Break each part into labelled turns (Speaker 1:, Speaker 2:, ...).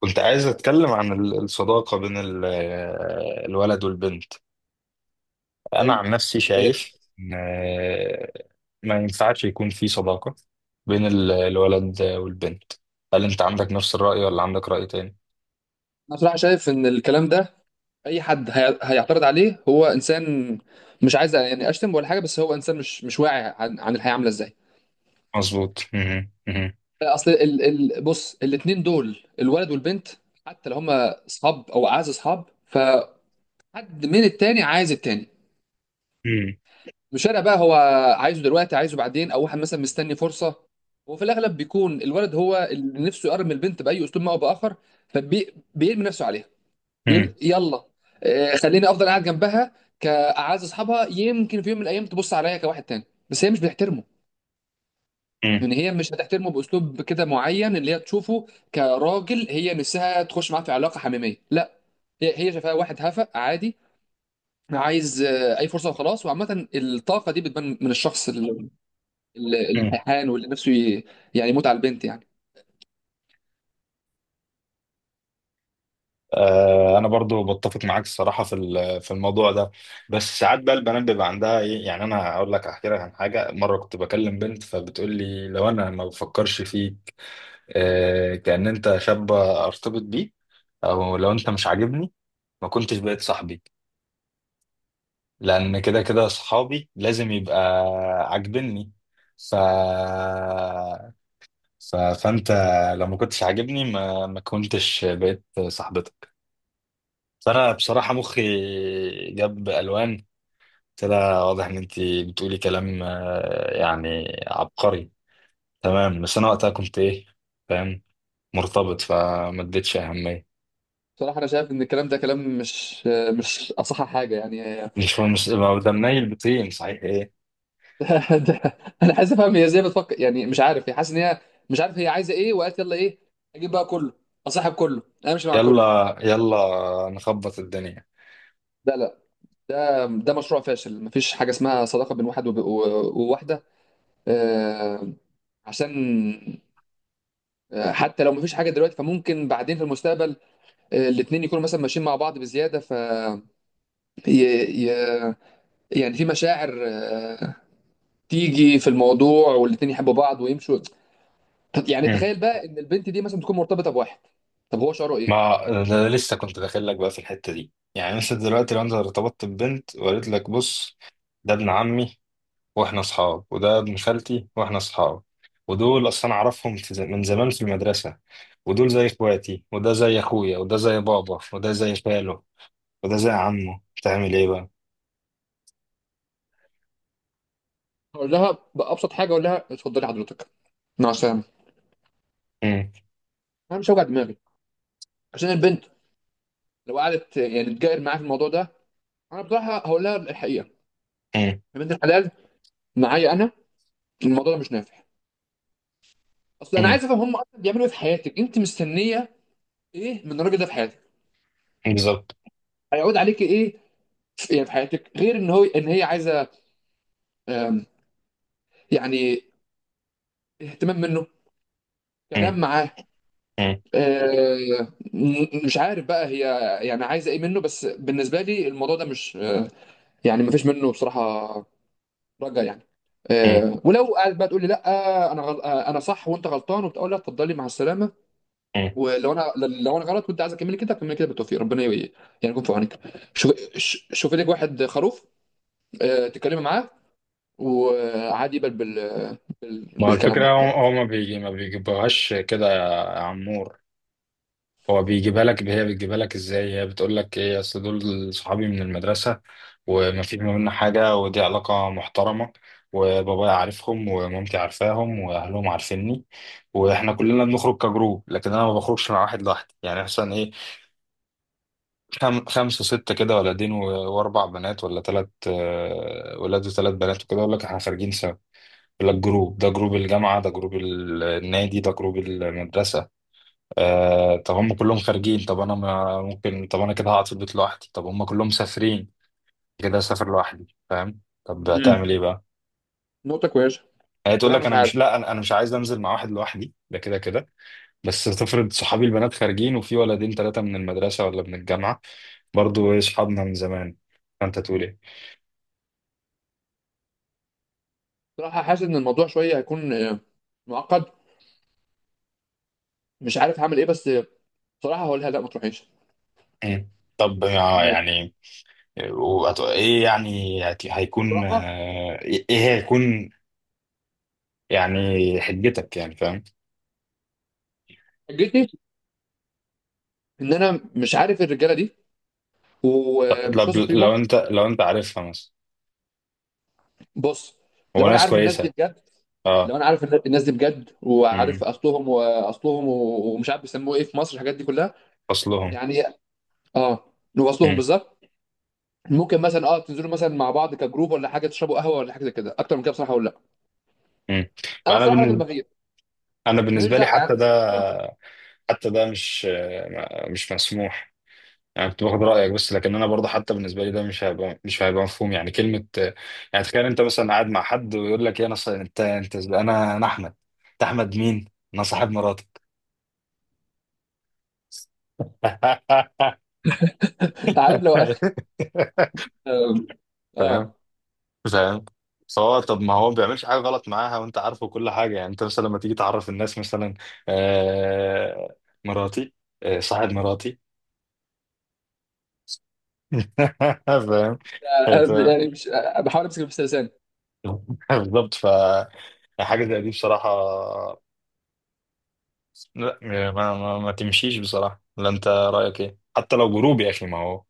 Speaker 1: كنت عايز اتكلم عن الصداقة بين الولد والبنت. انا
Speaker 2: حلو.
Speaker 1: عن نفسي
Speaker 2: جميل.
Speaker 1: شايف ان ما ينفعش يكون في صداقة بين الولد والبنت. هل انت عندك نفس الرأي ولا عندك رأي تاني؟
Speaker 2: انا بصراحه شايف ان الكلام ده اي حد هيعترض عليه، هو انسان مش عايز يعني اشتم ولا حاجه، بس هو انسان مش واعي عن الحياه عامله ازاي.
Speaker 1: مظبوط. مهم. مهم.
Speaker 2: اصل ال ال بص، الاثنين دول الولد والبنت، حتى لو هما اصحاب او اعز اصحاب، فحد من التاني عايز التاني.
Speaker 1: مهم.
Speaker 2: مش فارق بقى، هو عايزه دلوقتي عايزه بعدين، او واحد مثلا مستني فرصه. وفي الاغلب بيكون الولد هو اللي نفسه يقرب من البنت باي اسلوب ما او باخر، فبيرمي نفسه عليها.
Speaker 1: مهم.
Speaker 2: بيقول يلا، خليني افضل قاعد جنبها كاعز اصحابها، يمكن في يوم من الايام تبص عليا كواحد تاني. بس هي مش بتحترمه.
Speaker 1: مهم.
Speaker 2: يعني هي مش هتحترمه باسلوب كده معين اللي هي تشوفه كراجل، هي نفسها تخش معاه في علاقه حميميه، لا. هي شايفاه واحد هفق عادي، عايز اي فرصه وخلاص. وعامه الطاقه دي بتبان من الشخص
Speaker 1: مهم.
Speaker 2: الهيحان، واللي نفسه يعني يموت على البنت يعني.
Speaker 1: انا برضو بتفق معاك الصراحه في الموضوع ده. بس ساعات بقى البنات بيبقى عندها ايه، يعني انا هقول لك، احكي لك عن حاجه. مره كنت بكلم بنت فبتقول لي: لو انا ما بفكرش فيك، كأن انت شاب ارتبط بيه، او لو انت مش عاجبني ما كنتش بقيت صاحبي، لان كده كده صحابي لازم يبقى عاجبني. ف... فانت لو ما كنتش عاجبني ما كنتش بقيت صاحبتك. فانا بصراحة مخي جاب الوان. كده واضح ان انت بتقولي كلام يعني عبقري. تمام. بس انا وقتها كنت ايه، فاهم، مرتبط، فما اديتش اهمية.
Speaker 2: بصراحه انا شايف ان الكلام ده كلام مش اصح حاجه يعني.
Speaker 1: مش لو ده منيل بطين صحيح ايه.
Speaker 2: ده- انا عايز افهم هي ازاي بتفكر، يعني مش عارف هي حاسس ان هي مش عارف هي عايزه ايه، وقالت يلا ايه، اجيب بقى كله، اصاحب كله، امشي مع كله.
Speaker 1: يلا يلا نخبط الدنيا.
Speaker 2: لا لا، ده مشروع فاشل. مفيش حاجه اسمها صداقه بين واحد وواحده، آه، عشان حتى لو مفيش حاجه دلوقتي، فممكن بعدين في المستقبل الاتنين يكونوا مثلا ماشيين مع بعض بزياده، ف ي... ي... يعني في مشاعر تيجي في الموضوع، والاتنين يحبوا بعض ويمشوا. طب يعني
Speaker 1: مم.
Speaker 2: تخيل بقى ان البنت دي مثلا تكون مرتبطه بواحد، طب هو شعره ايه؟
Speaker 1: ما ده لسه كنت داخل لك بقى في الحتة دي. يعني انت دلوقتي لو انت ارتبطت ببنت وقالت لك: بص، ده ابن عمي واحنا اصحاب، وده ابن خالتي واحنا اصحاب، ودول اصلا اعرفهم في من زمان في المدرسة، ودول زي اخواتي، وده زي اخويا، وده زي بابا، وده زي خاله، وده زي عمه. تعمل ايه بقى؟
Speaker 2: اقول لها بابسط حاجه، اقول لها اتفضلي حضرتك مع السلامه.
Speaker 1: مم.
Speaker 2: انا مش هوجع دماغي عشان البنت. لو قعدت يعني تجاهر معايا في الموضوع ده، انا بصراحه هقول لها الحقيقه.
Speaker 1: مم.
Speaker 2: يا بنت الحلال، معايا انا الموضوع ده مش نافع. اصل انا
Speaker 1: مم.
Speaker 2: عايز افهم، هم اصلا بيعملوا ايه في حياتك انت مستنيه ايه من الراجل ده في حياتك؟
Speaker 1: بالظبط.
Speaker 2: هيعود عليك ايه في حياتك، غير ان هو ان هي عايزه آم، يعني اهتمام منه، كلام
Speaker 1: مم.
Speaker 2: معاه.
Speaker 1: مم.
Speaker 2: آه، مش عارف بقى هي يعني عايزه ايه منه، بس بالنسبه لي الموضوع ده مش آه، يعني ما فيش منه بصراحه، رجع يعني. ولو قاعد بقى تقول لي لا، انا غل... آه، انا صح وانت غلطان، وبتقول لا، اتفضلي مع السلامه.
Speaker 1: مم.
Speaker 2: ولو انا غلط وانت عايز اكمل كده، اكمل كده، بالتوفيق، ربنا يعني يكون في عونك. شوف شوفي لك واحد خروف تتكلمي معاه، وعادي يقبل
Speaker 1: ما هو
Speaker 2: بالكلام
Speaker 1: الفكرة،
Speaker 2: ده.
Speaker 1: هو ما بيجيبهاش كده يا عمور. هو بيجيبها لك، هي بتجيبها لك ازاي، هي بتقول لك ايه؟ اصل دول صحابي من المدرسة، وما في ما بيننا حاجة، ودي علاقة محترمة، وبابايا عارفهم ومامتي عارفاهم واهلهم عارفيني، واحنا كلنا بنخرج كجروب، لكن انا ما بخرجش مع واحد لوحدي. يعني مثلا ايه، خمسة ستة كده، ولدين واربع بنات، ولا ثلاث ولاد وثلاث بنات، وكده اقول لك احنا خارجين سوا. لا، الجروب ده جروب الجامعة، ده جروب النادي، ده جروب المدرسة. آه، طب هم كلهم خارجين، طب أنا ما ممكن، طب أنا كده هقعد في البيت لوحدي، طب هم كلهم مسافرين كده أسافر لوحدي، فاهم؟ طب
Speaker 2: مم.
Speaker 1: هتعمل إيه بقى؟
Speaker 2: نقطه كويسه.
Speaker 1: هي تقول
Speaker 2: بصراحه
Speaker 1: لك
Speaker 2: مش
Speaker 1: أنا
Speaker 2: عارف.
Speaker 1: مش، لا أنا مش عايز أنزل مع واحد لوحدي ده كده كده. بس تفرض صحابي البنات خارجين، وفي ولدين ثلاثة من المدرسة ولا من الجامعة برضو، إيه، صحابنا من زمان، فأنت تقول إيه؟
Speaker 2: بصراحه حاسس ان الموضوع شويه هيكون معقد، مش عارف هاعمل إيه، بس بصراحة هاقول لها لأ، ما تروحيش،
Speaker 1: مم. طب
Speaker 2: يعني.
Speaker 1: يعني ايه، يعني هيكون
Speaker 2: بصراحة
Speaker 1: ايه، إيه هيكون. يعني حجتك، يعني فاهم.
Speaker 2: حجتي إن أنا مش عارف الرجالة دي،
Speaker 1: لو
Speaker 2: ومش واثق فيهم.
Speaker 1: لو انت عارفها مثلا،
Speaker 2: بُص،
Speaker 1: هو
Speaker 2: لو أنا
Speaker 1: ناس
Speaker 2: عارف الناس دي
Speaker 1: كويسه.
Speaker 2: بجد،
Speaker 1: اه.
Speaker 2: لو أنا عارف الناس دي بجد وعارف
Speaker 1: امم.
Speaker 2: أصلهم وأصلهم و ومش عارف بيسموه إيه في مصر، الحاجات دي كلّها،
Speaker 1: اصلهم.
Speaker 2: يعني آه، وأصلهم
Speaker 1: امم.
Speaker 2: بالضبط. ممكن مثلًا تنزلوا مثلًا مع بعض كجروب والّا حاجة، تشربوا قهوة والّا حاجة زي كده. أكتر من كده بصراحة هاقول لأ.
Speaker 1: امم.
Speaker 2: أنا
Speaker 1: فانا
Speaker 2: بصراحة راجل
Speaker 1: بالنسبه
Speaker 2: بغير،
Speaker 1: انا
Speaker 2: ما ليش
Speaker 1: بالنسبه لي،
Speaker 2: دعوة يعني.
Speaker 1: حتى ده مش مسموح. انا كنت باخد رايك بس، لكن انا برضه حتى بالنسبه لي ده مش هيبقى مفهوم يعني كلمه. يعني تخيل انت مثلا قاعد مع حد ويقول لك: يا نص انت انا احمد. انت احمد مين؟ انا صاحب مراتك.
Speaker 2: عارف، لو آه،
Speaker 1: فاهم؟
Speaker 2: آه،
Speaker 1: فاهم. فهو، طب ما هو ما بيعملش حاجه غلط معاها وانت عارفه كل حاجه. يعني انت مثلا لما تيجي تعرف الناس مثلا: آه مراتي. آه، صاحب مراتي. فاهم.
Speaker 2: يعني مش، باحاول أمسك نفسي بلساني.
Speaker 1: بالظبط. فحاجه زي دي بصراحه، لا، ما تمشيش بصراحه. لا، انت رايك ايه؟ حتى لو جروب يا اخي. ما هو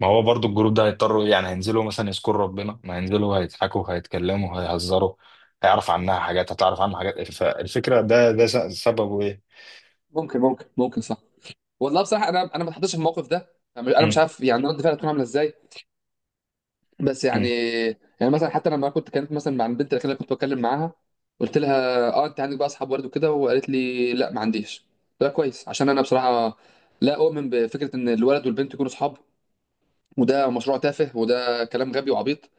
Speaker 1: ما هو برضو الجروب ده هيضطروا، يعني هينزلوا مثلا يذكروا ربنا، ما هينزلوا، هيضحكوا هيتكلموا هيهزروا. هيعرف عنها حاجات، هتعرف عنها حاجات. فالفكرة ده، ده سببه ايه؟
Speaker 2: ممكن صح. والله بصراحه، انا ما اتحطيتش في الموقف ده. انا مش
Speaker 1: مم.
Speaker 2: عارف يعني رد فعلي هتكون عامله ازاي، بس يعني
Speaker 1: مم.
Speaker 2: يعني مثلا حتى لما كنت كانت مثلا مع البنت اللي كنت بتكلم معاها، قلت لها اه انت عندك بقى اصحاب ورد وكده، وقالت لي لا ما عنديش. ده كويس، عشان انا بصراحه لا اؤمن بفكره ان الولد والبنت يكونوا اصحاب. وده مشروع تافه، وده كلام غبي وعبيط.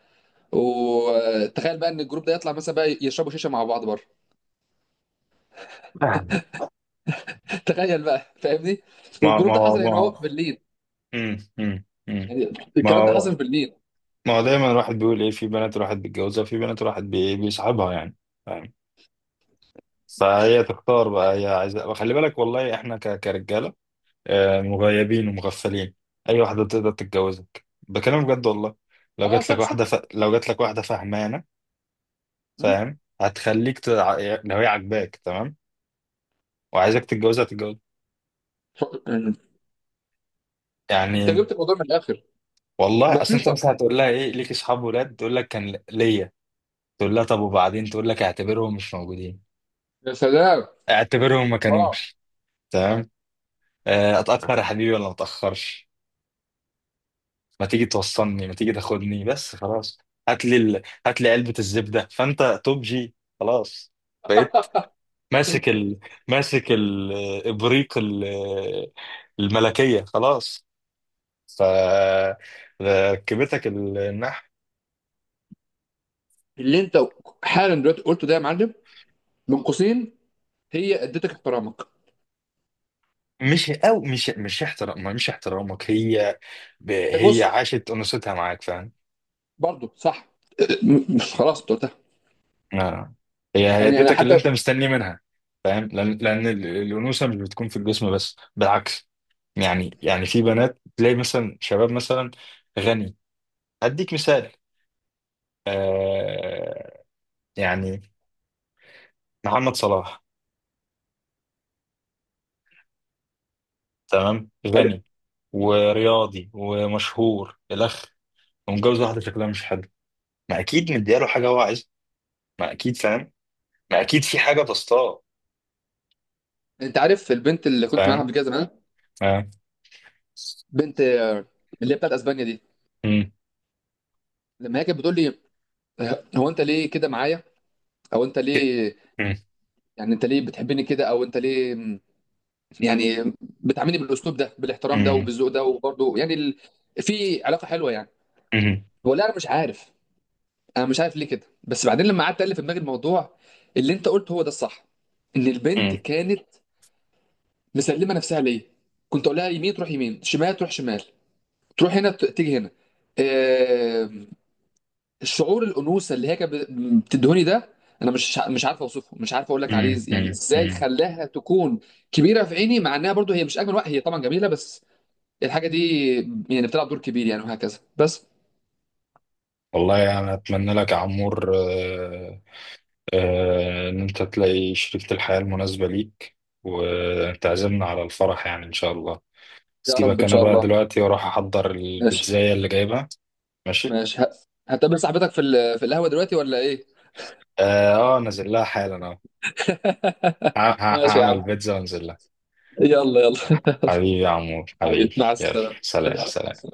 Speaker 2: وتخيل بقى ان الجروب ده يطلع مثلا بقى يشربوا شيشه مع بعض بره. تخيل بقى، فاهمني؟
Speaker 1: ما
Speaker 2: والجروب
Speaker 1: ما
Speaker 2: ده
Speaker 1: هو
Speaker 2: حصل
Speaker 1: ما
Speaker 2: هنا، هو في
Speaker 1: هو
Speaker 2: برلين.
Speaker 1: مم. مم. مم.
Speaker 2: يعني
Speaker 1: ما
Speaker 2: الكلام ده
Speaker 1: هو
Speaker 2: حصل في برلين.
Speaker 1: ما هو دايما الواحد بيقول ايه، في بنات الواحد بيتجوزها، في بنات الواحد بيصاحبها يعني. فاهم. فهي تختار بقى، هي عايزة. خلي بالك، والله احنا كرجالة مغيبين ومغفلين. اي واحده تقدر تتجوزك بكلام بجد والله. لو
Speaker 2: اه،
Speaker 1: جات لك
Speaker 2: صح صح.
Speaker 1: واحده فهمانه
Speaker 2: مم؟
Speaker 1: فاهم، هتخليك لو هي عاجباك تمام وعايزك تتجوزها تتجوز
Speaker 2: انت
Speaker 1: يعني.
Speaker 2: جبت الموضوع من الاخر.
Speaker 1: والله اصل انت
Speaker 2: بسيطه.
Speaker 1: مثلا هتقول لها ايه؟ ليك اصحاب ولاد؟ تقول لك كان ليا. تقول لها طب وبعدين. تقول لك اعتبرهم مش موجودين،
Speaker 2: يا سلام.
Speaker 1: اعتبرهم ما
Speaker 2: الله.
Speaker 1: كانوش. تمام. اتاخر يا حبيبي ولا ما اتاخرش، ما تيجي توصلني، ما تيجي تاخدني بس خلاص. هات لي علبة الزبدة فانت توب جي. خلاص بقيت ماسك ابريق الملكية خلاص. ف ركبتك النحو.
Speaker 2: اللي انت حالا دلوقتي قلته ده يا معلم من قوسين، هي ادتك احترامك.
Speaker 1: مش او مش مش احترام مش احترامك هي،
Speaker 2: إيه،
Speaker 1: هي
Speaker 2: بص،
Speaker 1: عاشت انوثتها معاك فاهم.
Speaker 2: برضو صح. مش، خلاص انت قلتها.
Speaker 1: آه. هي
Speaker 2: يعني انا
Speaker 1: اديتك اللي
Speaker 2: حتى.
Speaker 1: انت مستني منها فاهم. لان الانوثه مش بتكون في الجسم بس، بالعكس. يعني في بنات تلاقي مثلا شباب مثلا غني. اديك مثال. آه، يعني محمد صلاح، تمام، غني ورياضي ومشهور الاخ، ومتجوز واحده شكلها مش حلو. ما اكيد مدياله حاجه هو عايزها. ما اكيد فاهم. ما اكيد في حاجه تصطاد.
Speaker 2: انت عارف البنت اللي كنت معاها
Speaker 1: فاهم.
Speaker 2: قبل كده زمان،
Speaker 1: فاهم.
Speaker 2: بنت اللي هي بتاعت اسبانيا دي،
Speaker 1: مم.
Speaker 2: لما هي كانت بتقول لي هو انت ليه كده معايا، او انت
Speaker 1: ك-
Speaker 2: ليه،
Speaker 1: مم.
Speaker 2: يعني انت ليه بتحبني كده، او انت ليه يعني بتعاملني بالاسلوب ده، بالاحترام ده، وبالذوق ده، وبرده يعني في علاقه حلوه يعني،
Speaker 1: مم.
Speaker 2: ولا انا مش عارف. انا مش عارف ليه كده، بس بعدين لما قعدت الف في دماغي الموضوع، اللي انت قلته هو ده الصح، ان البنت
Speaker 1: مم.
Speaker 2: كانت مسلمه نفسها ليا. كنت اقول لها يمين تروح يمين، شمال تروح شمال، تروح هنا تيجي هنا. آه... الشعور، الانوثه اللي هي كانت بتدهني ده، انا مش عارف اوصفه، مش عارف اقول لك عليه،
Speaker 1: مم.
Speaker 2: يعني
Speaker 1: مم.
Speaker 2: ازاي
Speaker 1: مم.
Speaker 2: خلاها تكون كبيره في عيني، مع انها برضو هي مش اجمل واحده، هي طبعا جميله، بس الحاجه دي يعني بتلعب دور كبير يعني، وهكذا بس.
Speaker 1: والله انا يعني اتمنى لك يا عمور، إن أنت تلاقي شريكة الحياة المناسبة ليك، وتعزمنا على الفرح يعني إن شاء الله.
Speaker 2: يا رب
Speaker 1: سيبك
Speaker 2: ان
Speaker 1: أنا
Speaker 2: شاء
Speaker 1: بقى
Speaker 2: الله.
Speaker 1: دلوقتي وأروح أحضر
Speaker 2: ماشي.
Speaker 1: البيتزاية اللي جايبها. ماشي.
Speaker 2: ماشي، هتقابل صاحبتك في القهوه دلوقتي ولا ايه؟
Speaker 1: نازل لها حالا أهو.
Speaker 2: ماشي يا
Speaker 1: هعمل
Speaker 2: عم،
Speaker 1: بيتزا وأنزل لها.
Speaker 2: يلا يلا يلا.
Speaker 1: حبيبي يا عمور،
Speaker 2: حبيبي،
Speaker 1: حبيبي،
Speaker 2: مع
Speaker 1: يلا
Speaker 2: السلامه.
Speaker 1: سلام سلام.